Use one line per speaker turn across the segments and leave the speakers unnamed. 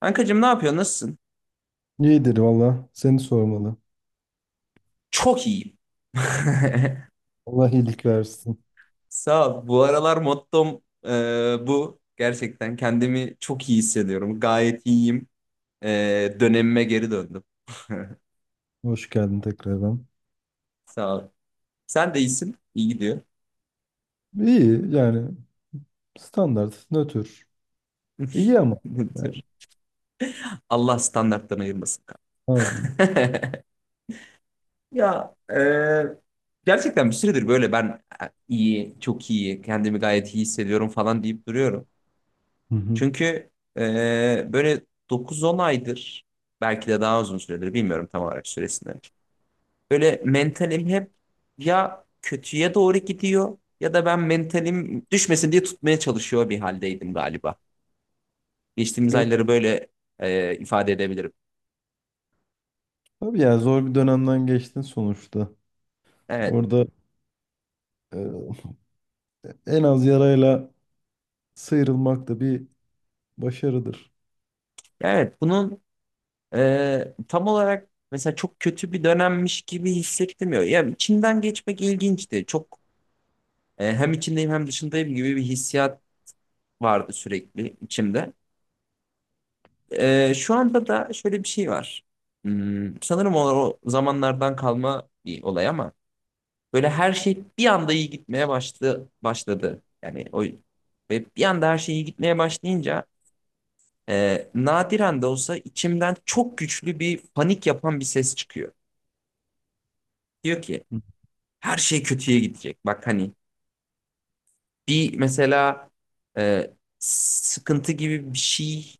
Kankacığım ne yapıyorsun? Nasılsın?
İyidir valla. Seni sormalı.
Çok iyiyim.
Allah iyilik versin.
Sağ ol. Bu aralar mottom bu. Gerçekten kendimi çok iyi hissediyorum. Gayet iyiyim. E, dönemime geri döndüm.
Hoş geldin tekrardan.
Sağ ol. Sen de iyisin. İyi gidiyor.
İyi yani standart, nötr. İyi ama.
Dur. Allah standarttan ayırmasın.
Abi.
Ya gerçekten bir süredir böyle ben iyi, çok iyi, kendimi gayet iyi hissediyorum falan deyip duruyorum.
Hı hı.
Çünkü böyle 9-10 aydır, belki de daha uzun süredir bilmiyorum tam olarak süresini. Böyle mentalim hep ya kötüye doğru gidiyor ya da ben mentalim düşmesin diye tutmaya çalışıyor bir haldeydim galiba. Geçtiğimiz
Evet.
ayları böyle ifade edebilirim.
Tabii yani zor bir dönemden geçtin sonuçta.
Evet,
Orada e, en az yarayla sıyrılmak da bir başarıdır.
evet bunun tam olarak mesela çok kötü bir dönemmiş gibi hissettirmiyor. Yani içinden geçmek ilginçti. Çok hem içindeyim hem dışındayım gibi bir hissiyat vardı sürekli içimde. Şu anda da şöyle bir şey var. Sanırım o zamanlardan kalma bir olay ama böyle her şey bir anda iyi gitmeye başladı. Yani o ve bir anda her şey iyi gitmeye başlayınca nadiren de olsa içimden çok güçlü bir panik yapan bir ses çıkıyor. Diyor ki
Hı.
her şey kötüye gidecek. Bak hani bir mesela e, sıkıntı gibi bir şey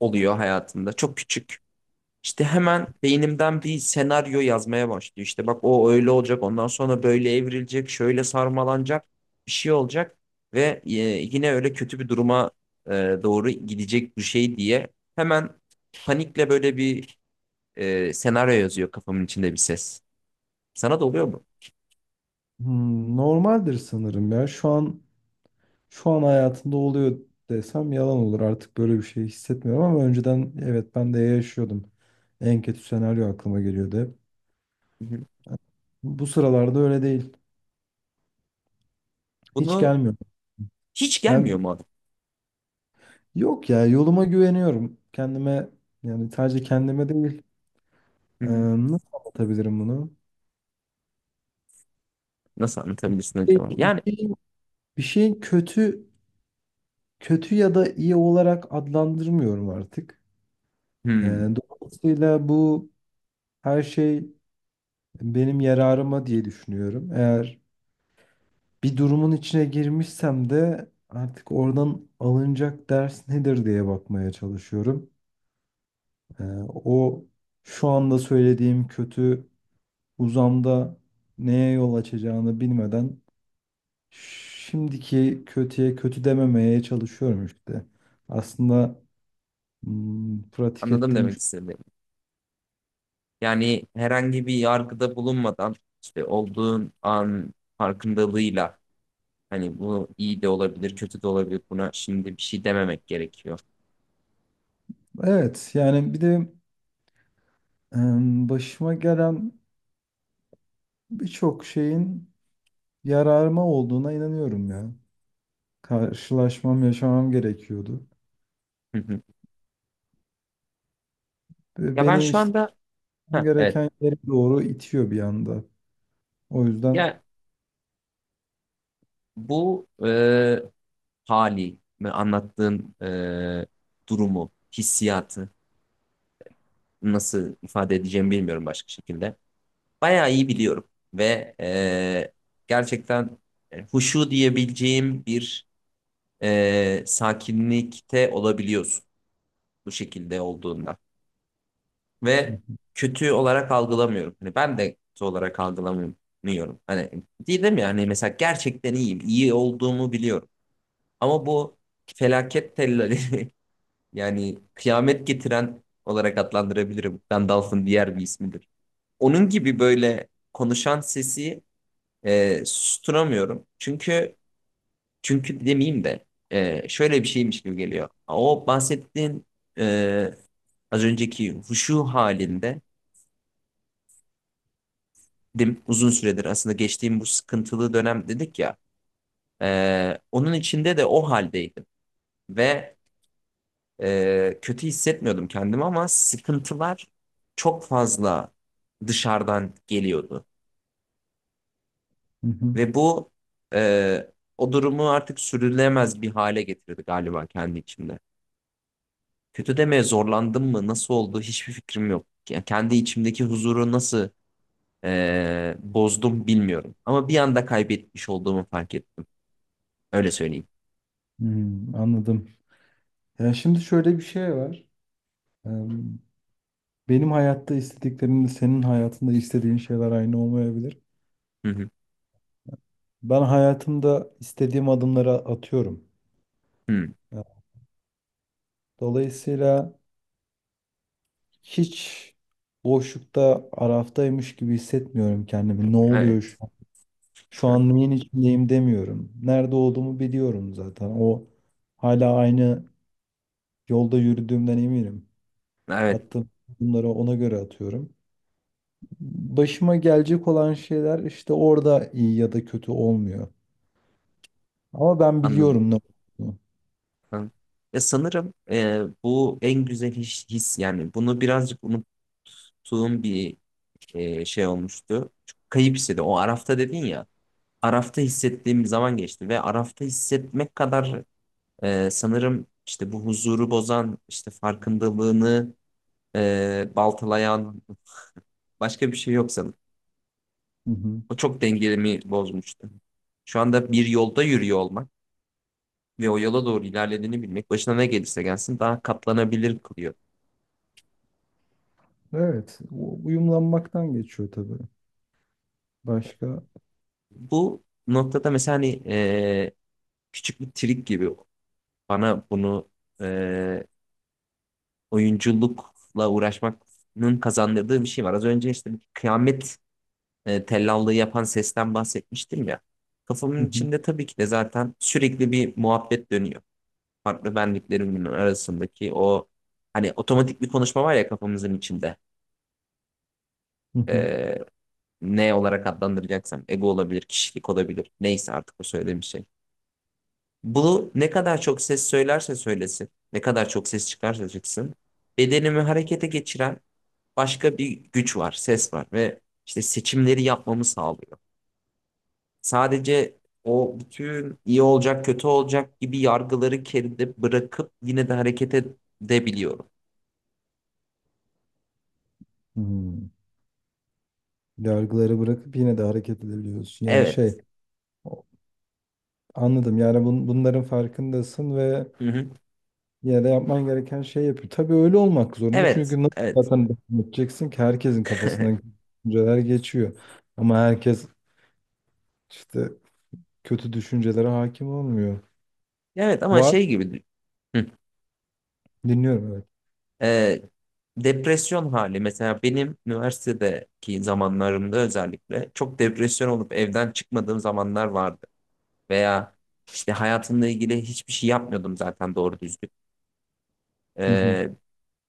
oluyor hayatında. Çok küçük. İşte hemen beynimden bir senaryo yazmaya başlıyor. İşte bak o öyle olacak, ondan sonra böyle evrilecek, şöyle sarmalanacak, bir şey olacak ve yine öyle kötü bir duruma e, doğru gidecek bu şey diye hemen panikle böyle bir senaryo yazıyor kafamın içinde bir ses. Sana da oluyor mu?
Normaldir sanırım ya. Şu an hayatında oluyor desem yalan olur. Artık böyle bir şey hissetmiyorum ama önceden evet ben de yaşıyordum. En kötü senaryo aklıma geliyordu hep.
Hı hı.
Bu sıralarda öyle değil. Hiç
Bunu
gelmiyor.
Hiç
Yani
gelmiyor mu adam?
yok ya yoluma güveniyorum. Kendime yani sadece kendime değil.
Hı hı.
Nasıl anlatabilirim bunu?
Nasıl anlatabilirsin
Bir
acaba?
şey-
Yani
şeyin, bir şeyin kötü ya da iyi olarak adlandırmıyorum artık.
hmm,
Dolayısıyla bu her şey benim yararıma diye düşünüyorum. Eğer bir durumun içine girmişsem de artık oradan alınacak ders nedir diye bakmaya çalışıyorum. Ee, o şu anda söylediğim kötü uzamda neye yol açacağını bilmeden şimdiki kötüye kötü dememeye çalışıyorum işte. Aslında pratik
anladım
ettiğim
demek
şey.
istediğimi. Yani herhangi bir yargıda bulunmadan işte olduğun an farkındalığıyla hani bu iyi de olabilir, kötü de olabilir. Buna şimdi bir şey dememek gerekiyor.
Evet yani bir de başıma gelen birçok şeyin yararıma olduğuna inanıyorum ya. Karşılaşmam, yaşamam gerekiyordu.
Hı hı.
Ve
Ya ben
beni
şu
işte
anda ha, evet.
gereken yere doğru itiyor bir anda. O yüzden.
Ya bu hali ve anlattığın durumu, hissiyatı nasıl ifade edeceğimi bilmiyorum başka şekilde. Bayağı iyi biliyorum ve gerçekten huşu diyebileceğim bir sakinlikte olabiliyorsun bu şekilde olduğunda
Hı
ve
hı.
kötü olarak algılamıyorum. Hani ben de kötü olarak algılamıyorum. Hani değilim ya hani mesela gerçekten iyiyim, iyi olduğumu biliyorum. Ama bu felaket tellali yani kıyamet getiren olarak adlandırabilirim. Gandalf'ın diğer bir ismidir. Onun gibi böyle konuşan sesi susturamıyorum. Çünkü demeyeyim de şöyle bir şeymiş gibi geliyor. O bahsettiğin e, az önceki huşu halinde dim uzun süredir aslında geçtiğim bu sıkıntılı dönem dedik ya, onun içinde de o haldeydim ve kötü hissetmiyordum kendimi ama sıkıntılar çok fazla dışarıdan geliyordu
Hı hı.
ve bu e, o durumu artık sürülemez bir hale getirdi galiba kendi içimde. Kötü demeye zorlandım mı? Nasıl oldu? Hiçbir fikrim yok. Yani kendi içimdeki huzuru nasıl bozdum bilmiyorum. Ama bir anda kaybetmiş olduğumu fark ettim. Öyle söyleyeyim.
Anladım. Ya şimdi şöyle bir şey var. Eee, Benim hayatta istediklerimle senin hayatında istediğin şeyler aynı olmayabilir.
Hı hı.
Ben hayatımda istediğim adımları atıyorum.
Hı.
Ya, dolayısıyla hiç boşlukta, araftaymış gibi hissetmiyorum kendimi. Ne
Evet.
oluyor şu an? Şu an neyin içindeyim demiyorum. Nerede olduğumu biliyorum zaten. O hala aynı yolda yürüdüğümden eminim.
Evet.
Attığım adımları ona göre atıyorum. Başıma gelecek olan şeyler işte orada iyi ya da kötü olmuyor. Ama ben
Anladım.
biliyorum ne olduğunu.
Hı. Ya sanırım bu en güzel his. Yani bunu birazcık unuttuğum bir şey olmuştu. Çok kayıp hissedim. O Araf'ta dedin ya. Araf'ta hissettiğim zaman geçti ve Araf'ta hissetmek kadar, sanırım işte bu huzuru bozan, işte farkındalığını baltalayan başka bir şey yok sanırım.
Hı hı.
O çok dengelemi bozmuştu. Şu anda bir yolda yürüyor olmak ve o yola doğru ilerlediğini bilmek başına ne gelirse gelsin daha katlanabilir kılıyor.
Evet, uyumlanmaktan geçiyor tabii. Başka? Hı.
Bu noktada mesela hani küçük bir trik gibi bana bunu e, oyunculukla uğraşmanın kazandırdığı bir şey var. Az önce işte kıyamet tellallığı yapan sesten bahsetmiştim ya. Kafamın
Hı
içinde tabii ki de zaten sürekli bir muhabbet dönüyor. Farklı benliklerimin arasındaki o hani otomatik bir konuşma var ya kafamızın içinde.
hı. hı.
E, ne olarak adlandıracaksam ego olabilir, kişilik olabilir. Neyse artık o söylediğim şey. Bu ne kadar çok ses söylerse söylesin, ne kadar çok ses çıkarsa çıksın, bedenimi harekete geçiren başka bir güç var, ses var ve işte seçimleri yapmamı sağlıyor. Sadece o bütün iyi olacak, kötü olacak gibi yargıları geride bırakıp yine de hareket edebiliyorum.
Hmm. Yargıları bırakıp yine de hareket edebiliyorsun. Yani
Evet.
şey, o- anladım. Yani bunların farkındasın ve
Hı hı.
yine de yapman gereken şey yapıyor. Tabii öyle olmak zorunda.
Evet.
Çünkü nasıl
Evet.
zaten devam edeceksin ki herkesin kafasından düşünceler geçiyor. Ama herkes işte kötü düşüncelere hakim olmuyor.
Evet ama
Var.
şey gibi. Hı.
Dinliyorum evet.
Ee, depresyon hali mesela benim üniversitedeki zamanlarımda özellikle çok depresyon olup evden çıkmadığım zamanlar vardı. Veya işte hayatımla ilgili hiçbir şey yapmıyordum zaten doğru düzgün.
Hı hı.
Ee,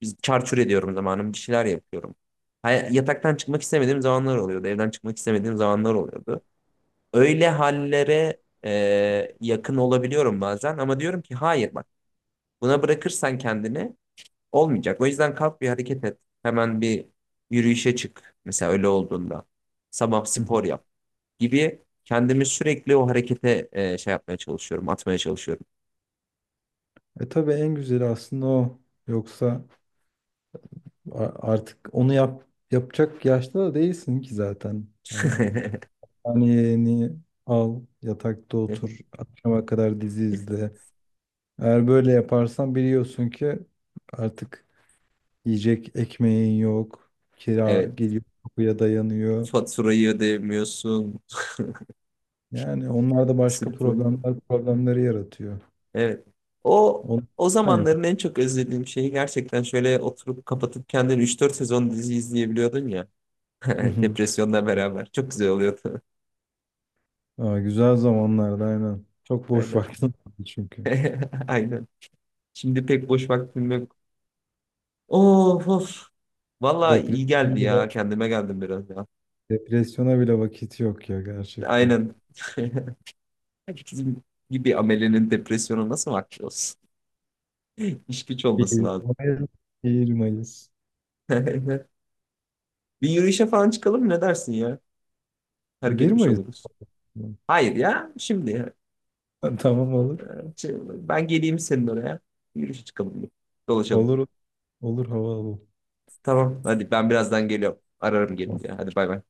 Biz çarçur ediyorum zamanım. Bir şeyler yapıyorum. Yataktan çıkmak istemediğim zamanlar oluyordu. Evden çıkmak istemediğim zamanlar oluyordu. Öyle hallere yakın olabiliyorum bazen ama diyorum ki hayır bak, buna bırakırsan kendini olmayacak. O yüzden kalk bir hareket et. Hemen bir yürüyüşe çık. Mesela öyle olduğunda. Sabah
Hı hı.
spor yap gibi kendimi sürekli o harekete şey yapmaya çalışıyorum, atmaya çalışıyorum.
E tabii en güzeli aslında o. Yoksa artık onu yapacak yaşta da değilsin ki zaten. Yani yeğeni al, yatakta otur, akşama kadar dizi izle. Eğer böyle yaparsan biliyorsun ki artık yiyecek ekmeğin yok, kira
Evet.
geliyor, kapıya dayanıyor.
Faturayı ödemiyorsun.
Yani onlar da başka
Sırf onu.
problemleri yaratıyor.
Evet. O
Onu
o
sen yap.
zamanların en çok özlediğim şeyi gerçekten şöyle oturup kapatıp kendini 3-4 sezon dizi izleyebiliyordun ya. Depresyonla beraber. Çok güzel oluyordu.
Aa, güzel zamanlarda aynen. Çok boş
Aynen.
vaktim vardı çünkü.
Aynen. Şimdi pek boş vaktim yok. Of of. Valla iyi geldi
Depresyona bile,
ya. Kendime geldim biraz ya.
depresyona bile vakit yok ya gerçekten.
Aynen. Herkesin gibi amelenin depresyona nasıl vakti olsun? İş güç
bir
olması lazım.
Mayıs. Bir Mayıs.
Bir yürüyüşe falan çıkalım mı? Ne dersin ya? Hareket
1
etmiş
Mayıs
oluruz.
mı?
Hayır ya. Şimdi ya.
Tamam olur.
Şey, ben geleyim senin oraya. Yürüyüşe çıkalım. Dolaşalım.
Olur olur hava alalım.
Tamam. Hadi ben birazdan geliyorum. Ararım gelince. Hadi bay bay.